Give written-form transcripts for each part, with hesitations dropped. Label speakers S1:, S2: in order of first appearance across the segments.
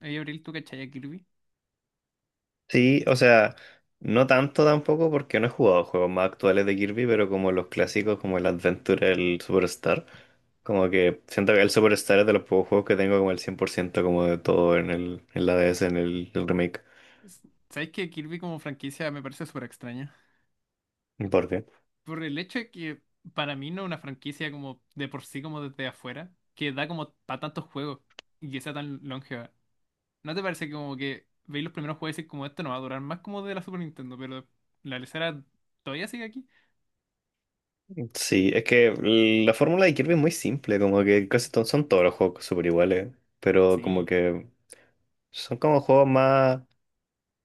S1: Oye, Abril, ¿tú cachai a Kirby?
S2: Sí, o sea, no tanto tampoco porque no he jugado juegos más actuales de Kirby, pero como los clásicos como el Adventure, el Superstar, como que siento que el Superstar es de los pocos juegos que tengo como el 100% como de todo en el en la DS, en el remake.
S1: ¿Sabes que Kirby como franquicia me parece súper extraña?
S2: ¿Por qué?
S1: Por el hecho de que para mí no es una franquicia como de por sí, como desde afuera, que da como para tantos juegos y que sea tan longeva. ¿No te parece que como que veis los primeros juegos y decís como esto no va a durar más como de la Super Nintendo, pero la lesera todavía sigue aquí?
S2: Sí, es que la fórmula de Kirby es muy simple, como que casi son todos los juegos súper iguales, pero como
S1: Sí,
S2: que son como juegos más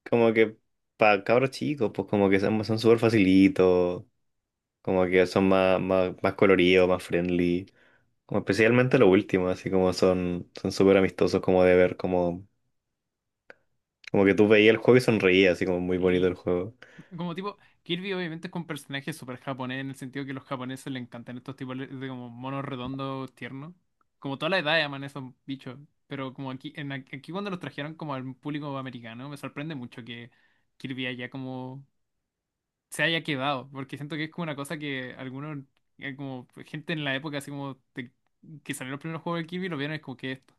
S2: como que para cabros chicos, pues como que son súper facilitos, como que son más coloridos, más friendly. Como especialmente lo último, así como son súper amistosos como de ver, como que tú veías el juego y sonreías, así como muy bonito
S1: sí.
S2: el juego.
S1: Como tipo, Kirby obviamente es un personaje súper japonés en el sentido que a los japoneses le encantan estos tipos de como monos redondos tiernos. Como toda la edad llaman esos bichos. Pero como aquí, en, aquí cuando los trajeron como al público americano, me sorprende mucho que Kirby haya como se haya quedado. Porque siento que es como una cosa que algunos, como gente en la época así que salieron los primeros juegos de Kirby lo vieron y es como que esto.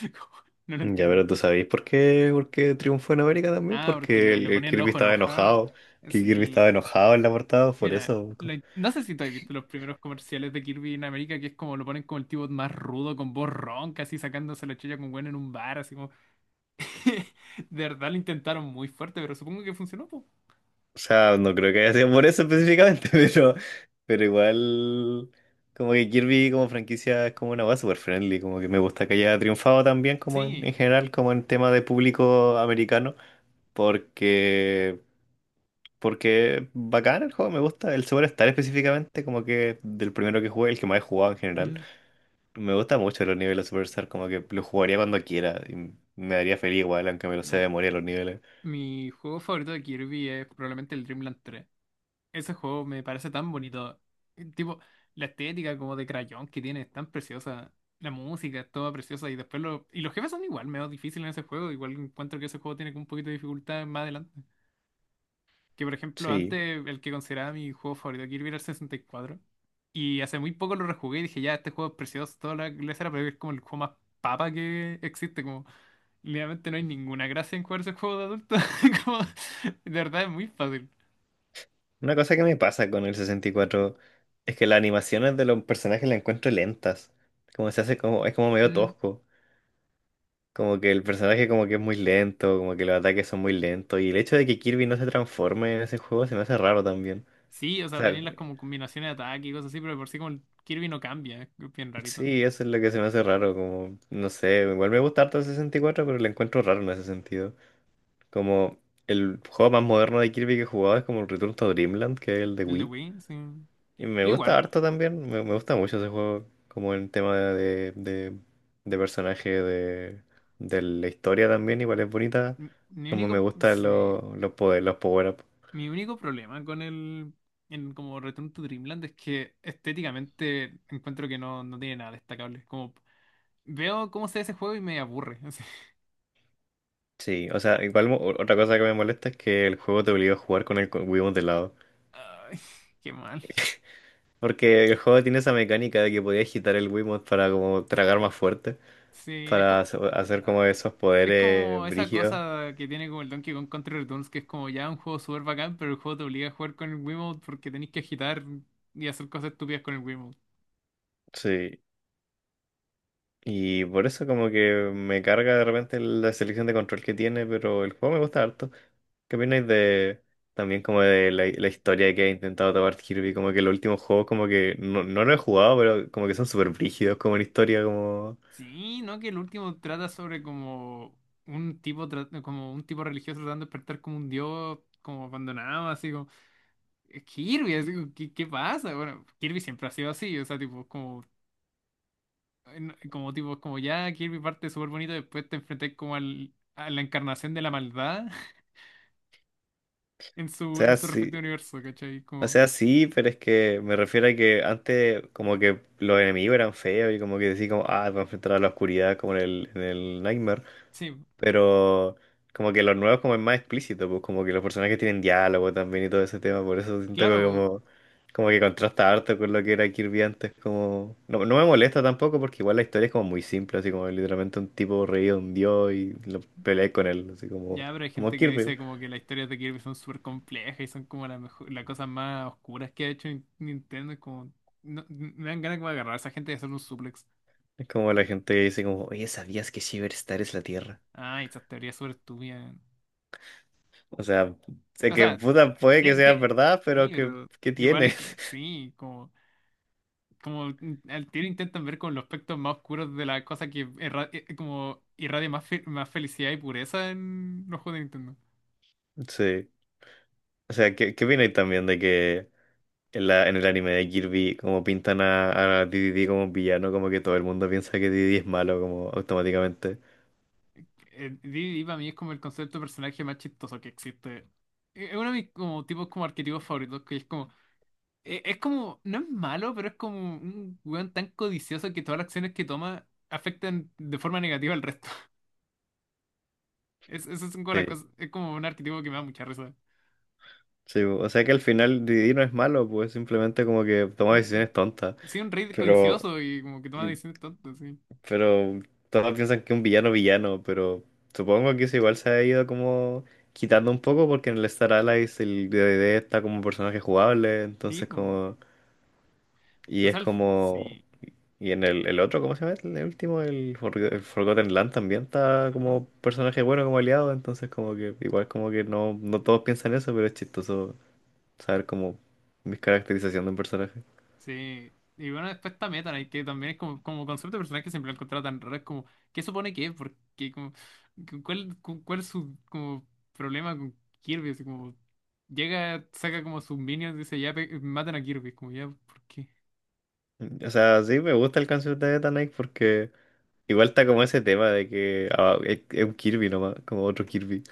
S1: Como, no lo
S2: Ya,
S1: entiendo.
S2: pero tú sabéis por qué triunfó en América también,
S1: Ah, porque
S2: porque el,
S1: le
S2: el
S1: ponían el
S2: Kirby
S1: ojo
S2: estaba
S1: enojado.
S2: enojado, que Kirby
S1: Sí.
S2: estaba enojado en la portada, por
S1: Mira,
S2: eso.
S1: no sé si tú has visto los primeros comerciales de Kirby en América, que es como lo ponen como el tipo más rudo, con voz ronca, así sacándose la chulla con Gwen en un bar, así como... De verdad lo intentaron muy fuerte, pero supongo que funcionó, pues.
S2: O sea, no creo que haya sido por eso específicamente, pero igual, como que Kirby como franquicia es como una base super friendly, como que me gusta que haya triunfado también como en,
S1: Sí.
S2: en general, como en tema de público americano, porque, porque bacán el juego, me gusta, el Superstar específicamente, como que del primero que jugué, el que más he jugado en general,
S1: Mm,
S2: me gusta mucho los niveles de Superstar, como que lo jugaría cuando quiera, y me daría feliz igual, aunque me lo sé de
S1: ya.
S2: memoria los niveles.
S1: Mi juego favorito de Kirby es probablemente el Dreamland 3. Ese juego me parece tan bonito. Tipo, la estética como de crayón que tiene es tan preciosa. La música es toda preciosa y después lo... Y los jefes son igual, medio difícil en ese juego. Igual encuentro que ese juego tiene como un poquito de dificultad más adelante. Que por ejemplo,
S2: Sí.
S1: antes el que consideraba mi juego favorito, Kirby, era el 64. Y cuatro. Y hace muy poco lo rejugué y dije, ya, este juego es precioso, toda la era pero es como el juego más papa que existe. Como, literalmente no hay ninguna gracia en jugar ese juego de adulto. Como, de verdad es muy fácil.
S2: Una cosa que me pasa con el 64 es que las animaciones de los personajes las encuentro lentas. Como se hace como, es como medio
S1: Mm.
S2: tosco. Como que el personaje como que es muy lento, como que los ataques son muy lentos. Y el hecho de que Kirby no se transforme en ese juego se me hace raro también.
S1: Sí, o
S2: O
S1: sea,
S2: sea,
S1: tenéis las como combinaciones de ataque y cosas así, pero de por sí como el Kirby no cambia, es bien rarito.
S2: sí, eso es lo que se me hace raro. Como, no sé, igual me gusta harto el 64 pero lo encuentro raro en ese sentido. Como el juego más moderno de Kirby que he jugado es como el Return to Dreamland, que es el de
S1: El de
S2: Wii.
S1: Wii, sí.
S2: Y me
S1: Yo
S2: gusta
S1: igual,
S2: harto también, me gusta mucho ese juego, como el tema de personaje, de la historia también, igual es bonita,
S1: mi
S2: como me
S1: único,
S2: gustan
S1: sí.
S2: los poderes, los power-up.
S1: Mi único problema con el en como Return to Dreamland es que estéticamente encuentro que no, no tiene nada destacable. Como veo cómo se ve ese juego y me aburre. así.
S2: Sí, o sea, igual otra cosa que me molesta es que el juego te obliga a jugar con el Wiimote de lado.
S1: Ay, qué mal.
S2: Porque el juego tiene esa mecánica de que podías agitar el Wiimote para como tragar más fuerte,
S1: Sí, es
S2: para
S1: como
S2: hacer como
S1: ay,
S2: esos
S1: es
S2: poderes
S1: como esa
S2: brígidos.
S1: cosa que tiene como el Donkey Kong Country Returns que es como ya un juego súper bacán, pero el juego te obliga a jugar con el Wiimote porque tenés que agitar y hacer cosas estúpidas con el Wiimote.
S2: Sí, y por eso como que me carga de repente la selección de control que tiene, pero el juego me gusta harto. ¿Qué opináis de también como de la historia que ha intentado tomar Kirby? Como que los últimos juegos como que no, no lo he jugado, pero como que son súper brígidos como en historia, como.
S1: Sí, ¿no? Que el último trata sobre como un como un tipo religioso tratando de despertar como un dios como abandonado, así como Kirby, así como, ¿qué, qué pasa? Bueno, Kirby siempre ha sido así, o sea, tipo como como tipo como ya Kirby parte súper bonito, después te enfrenté como al, a la encarnación de la maldad en
S2: Sea,
S1: su
S2: sí,
S1: respecto universo, ¿cachai?
S2: o
S1: Como
S2: sea, sí, pero es que me refiero a que antes como que los enemigos eran feos y como que decís como, ah, voy a enfrentar a la oscuridad como en el Nightmare.
S1: sí,
S2: Pero como que los nuevos como es más explícito, pues como que los personajes tienen diálogo también y todo ese tema, por eso siento que
S1: claro.
S2: como que contrasta harto con lo que era Kirby antes, como. No, no me molesta tampoco porque igual la historia es como muy simple, así como literalmente un tipo reído, un dios y lo peleé con él, así como,
S1: Ya, pero hay
S2: como
S1: gente que
S2: Kirby.
S1: dice como que las historias de Kirby son súper complejas y son como las las cosas más oscuras que ha hecho Nintendo. Es como. Me dan ganas como de agarrar a esa gente y hacer un suplex.
S2: Es como la gente que dice como, oye, ¿sabías que Shiverstar es la Tierra?
S1: Ay, esas teorías súper estúpidas.
S2: O sea, sé
S1: O
S2: que
S1: sea,
S2: puta puede que
S1: tiene,
S2: sea
S1: tiene-
S2: verdad,
S1: sí,
S2: pero que,
S1: pero
S2: ¿qué
S1: igual es.
S2: tiene?
S1: Sí, como. Como mm, al tiro intentan ver con los aspectos más oscuros de la cosa como irradia más, más felicidad y pureza en los juegos de Nintendo.
S2: Sí. O sea, ¿qué opináis también de que. En el anime de Kirby, como pintan a DDD como un villano, como que todo el mundo piensa que DDD es malo, como automáticamente.
S1: Didi para mí es como el concepto de personaje más chistoso que existe. Es uno de mis como, tipos como arquetipos favoritos, que es como, no es malo, pero es como un weón tan codicioso que todas las acciones que toma afectan de forma negativa al resto. Es, eso es como la
S2: Sí.
S1: cosa, es como un arquetipo que me da mucha risa.
S2: Sí, o sea que al final Didi no es malo, pues simplemente como que toma
S1: Un-
S2: decisiones tontas.
S1: sí, un rey
S2: Pero,
S1: codicioso y como que toma
S2: y-
S1: decisiones tontas, sí.
S2: pero todos piensan que un villano villano, pero supongo que eso igual se ha ido como quitando un poco porque en el Star Allies el DDD está como un personaje jugable,
S1: Sí,
S2: entonces
S1: po.
S2: como. Y
S1: O
S2: es
S1: sea,
S2: como.
S1: sí.
S2: Y en el otro, ¿cómo se llama? El último, el Forgotten Land también está
S1: Ajá.
S2: como personaje bueno, como aliado, entonces como que igual como que no, no todos piensan eso, pero es chistoso saber como mis caracterización de un personaje.
S1: Sí, y bueno, después está Meta Knight, que también es como, como concepto de personaje que siempre lo he encontrado tan raro, es como, ¿qué supone que es? Porque como, ¿cuál, cuál es su como problema con Kirby? Así como, llega, saca como sus minions, dice, ya matan a Kirby, como ya, ¿por qué?
S2: O sea, sí, me gusta el canción de Eta Knight porque igual está como ese tema de que ah, es un Kirby nomás, como otro Kirby,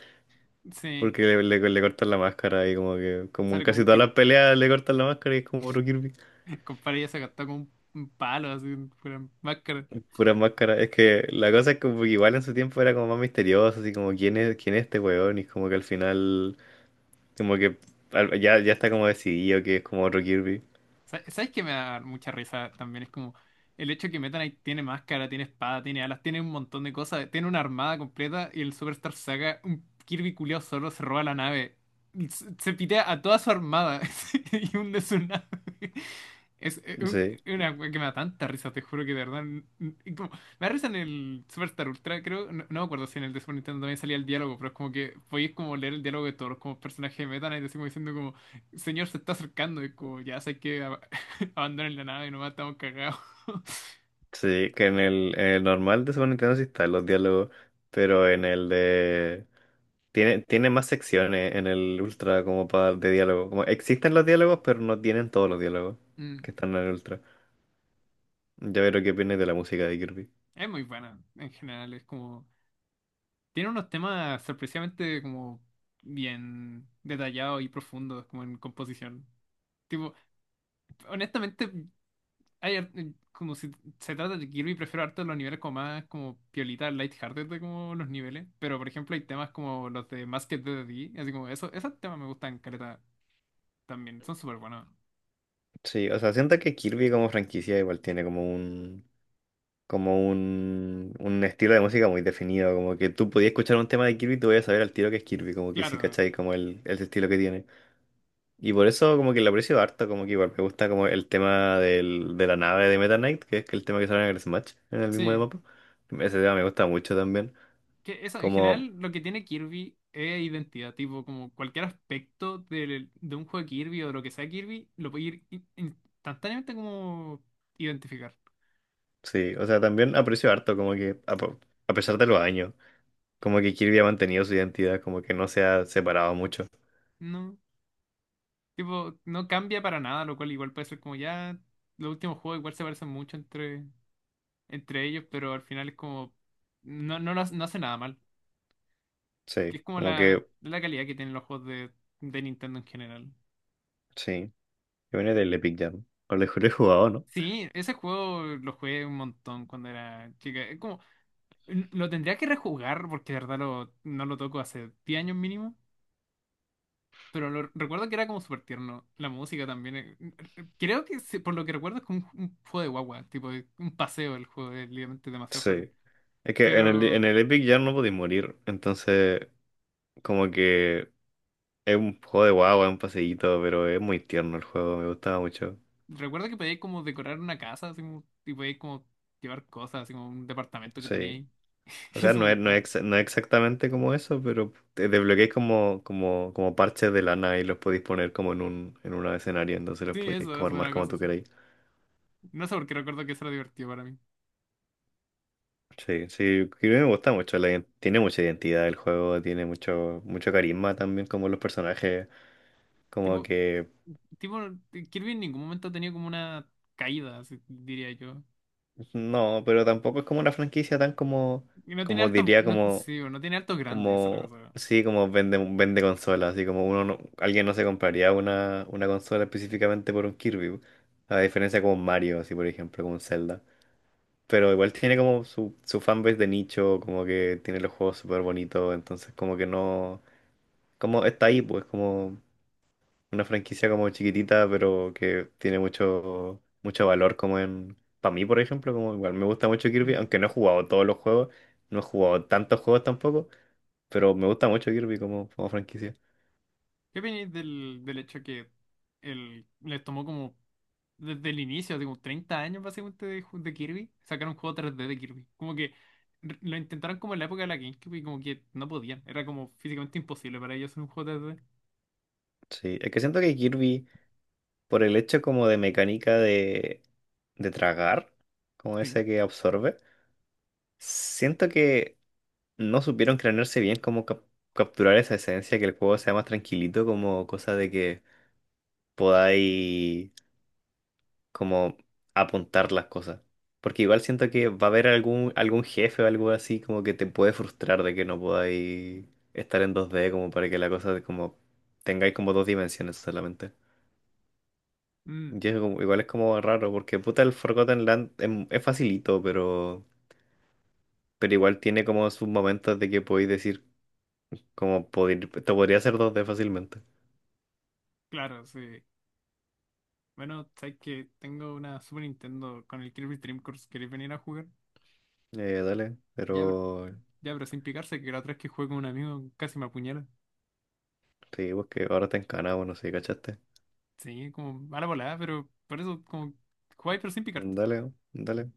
S1: Sí,
S2: porque le cortan la máscara y como que como en
S1: sale
S2: casi
S1: como
S2: todas
S1: que
S2: las peleas le cortan la máscara y es como otro Kirby.
S1: el compadre ya se gastó con un palo, así, fuera máscara.
S2: Puras máscaras. Es que la cosa es que igual en su tiempo era como más misterioso, así como quién es este weón, y como que al final, como que ya, ya está como decidido que es como otro Kirby.
S1: ¿Sabes qué me da mucha risa también? Es como el hecho que Meta Knight tiene máscara, tiene espada, tiene alas, tiene un montón de cosas, tiene una armada completa y el Superstar Saga, un Kirby culiao solo se roba la nave. Se pitea a toda su armada y hunde su nave. Es
S2: Sí,
S1: una wea que me da tanta risa, te juro que de verdad. Y me da risa en el Superstar Ultra, creo. No, no me acuerdo si en el de Super Nintendo también salía el diálogo, pero es como que podéis como leer el diálogo de todos los como personajes de Meta Knight, así como diciendo como. Señor, se está acercando, es como, ya sé abandonen la nave, nomás estamos cagados.
S2: sí, que en el normal de Super Nintendo sí están los diálogos, pero en el de. Tiene más secciones en el Ultra como para de diálogo. Como existen los diálogos, pero no tienen todos los diálogos
S1: Mm,
S2: que están en el Ultra. Ya veré qué opinas de la música de Kirby.
S1: es muy buena, en general, es como, tiene unos temas sorpresivamente como bien detallados y profundos, como en composición. Tipo, honestamente, hay ar- como si se trata de Kirby, prefiero harto los niveles como más, como piolita, lighthearted de como los niveles, pero por ejemplo hay temas como los de Masked D D D, así como, eso, esos temas me gustan, caleta, también, son súper buenos.
S2: Sí, o sea, siento que Kirby como franquicia igual tiene como un, un estilo de música muy definido, como que tú podías escuchar un tema de Kirby y tú podías saber al tiro que es Kirby, como que sí,
S1: Claro,
S2: ¿cachai? Como el estilo que tiene. Y por eso como que lo aprecio harto, como que igual me gusta como el tema del, de la nave de Meta Knight, que es el tema que sale en el Smash, en el mismo de
S1: sí.
S2: mapa. Ese tema me gusta mucho también.
S1: Que eso, en
S2: Como,
S1: general, lo que tiene Kirby es identidad, tipo, como cualquier aspecto de, un juego de Kirby o de lo que sea Kirby, lo puede ir instantáneamente como identificar,
S2: sí, o sea, también aprecio harto, como que a pesar de los años, como que Kirby ha mantenido su identidad, como que no se ha separado mucho.
S1: ¿no? Tipo, no cambia para nada, lo cual igual puede ser como ya, los últimos juegos igual se parecen mucho entre ellos, pero al final es como, no, lo hace, no hace nada mal, que
S2: Sí,
S1: es como
S2: como
S1: la,
S2: que,
S1: la calidad que tienen los juegos de Nintendo en general.
S2: sí, que viene del Epic Jam. O lo he jugado, ¿no?
S1: Sí, ese juego lo jugué un montón cuando era chica. Es como lo tendría que rejugar porque de verdad lo, no lo toco hace 10 años mínimo. Pero lo, recuerdo que era como súper tierno. La música también. Creo que sí, por lo que recuerdo es como un juego de guagua. Tipo un paseo el juego. Es literalmente demasiado fácil.
S2: Sí. Es que en el,
S1: Pero
S2: en el Epic ya no podéis morir. Entonces, como que es un juego de guagua, es un paseíto, pero es muy tierno el juego, me gustaba mucho.
S1: recuerdo que podíais como decorar una casa. Así como, y podíais como llevar cosas. Así como un departamento que tenía
S2: Sí.
S1: ahí.
S2: O sea,
S1: Eso me
S2: no es, no
S1: gustaba.
S2: es, exa- no es exactamente como eso, pero te desbloqueáis como parches de lana y los podéis poner como en un escenario, entonces los
S1: Sí,
S2: podéis
S1: eso
S2: como
S1: es
S2: armar
S1: una
S2: como
S1: cosa
S2: tú
S1: así.
S2: queráis.
S1: No sé por qué recuerdo que eso era divertido para mí.
S2: Sí, sí, creo que me gusta mucho. Tiene mucha identidad el juego, tiene mucho, mucho carisma también como los personajes. Como
S1: Tipo,
S2: que.
S1: tipo, Kirby en ningún momento ha tenido como una caída, así diría yo.
S2: No, pero tampoco es como una franquicia tan como,
S1: Y no tiene
S2: como
S1: altos,
S2: diría,
S1: no,
S2: como,
S1: sí, bueno, no tiene altos grandes, esa es la
S2: como,
S1: cosa.
S2: sí, como vende consolas, así como uno no- alguien no se compraría una consola específicamente por un Kirby, a diferencia como un Mario, así por ejemplo, como un Zelda. Pero igual tiene como su fanbase de nicho, como que tiene los juegos súper bonitos, entonces como que no, como está ahí, pues como una franquicia como chiquitita, pero que tiene mucho, mucho valor como en. Para mí, por ejemplo, como igual me gusta mucho Kirby,
S1: Mm.
S2: aunque no he jugado todos los juegos, no he jugado tantos juegos tampoco, pero me gusta mucho Kirby como franquicia.
S1: ¿Qué opináis del hecho que el, les tomó como desde el inicio, así como 30 años básicamente de, de Kirby, sacar un juego tres d de Kirby? Como que lo intentaron como en la época de la GameCube y como que no podían, era como físicamente imposible para ellos hacer un juego tres d.
S2: Sí, es que siento que Kirby, por el hecho como de mecánica de tragar, como
S1: Sí.
S2: ese que absorbe, siento que no supieron cranearse bien como capturar esa esencia, que el juego sea más tranquilito, como cosa de que podáis como apuntar las cosas. Porque igual siento que va a haber algún jefe o algo así como que te puede frustrar de que no podáis estar en 2D como para que la cosa como tengáis como dos dimensiones solamente.
S1: Mm,
S2: Y es igual es como raro porque puta el Forgotten Land es, facilito, pero igual tiene como sus momentos de que podéis decir como poder, te podría hacer 2D fácilmente.
S1: claro, sí. Bueno, sabes que tengo una Super Nintendo con el Kirby Dream Course, ¿queréis venir a jugar?
S2: Dale,
S1: Ya,
S2: pero
S1: ya, pero sin picarse, que la otra vez que jugué con un amigo casi me apuñala.
S2: sí, pues que ahora te encana, bueno, sí, ¿cachaste?
S1: Sí, como mala volada, pero por eso, como jugáis pero sin picar.
S2: Dale, dale.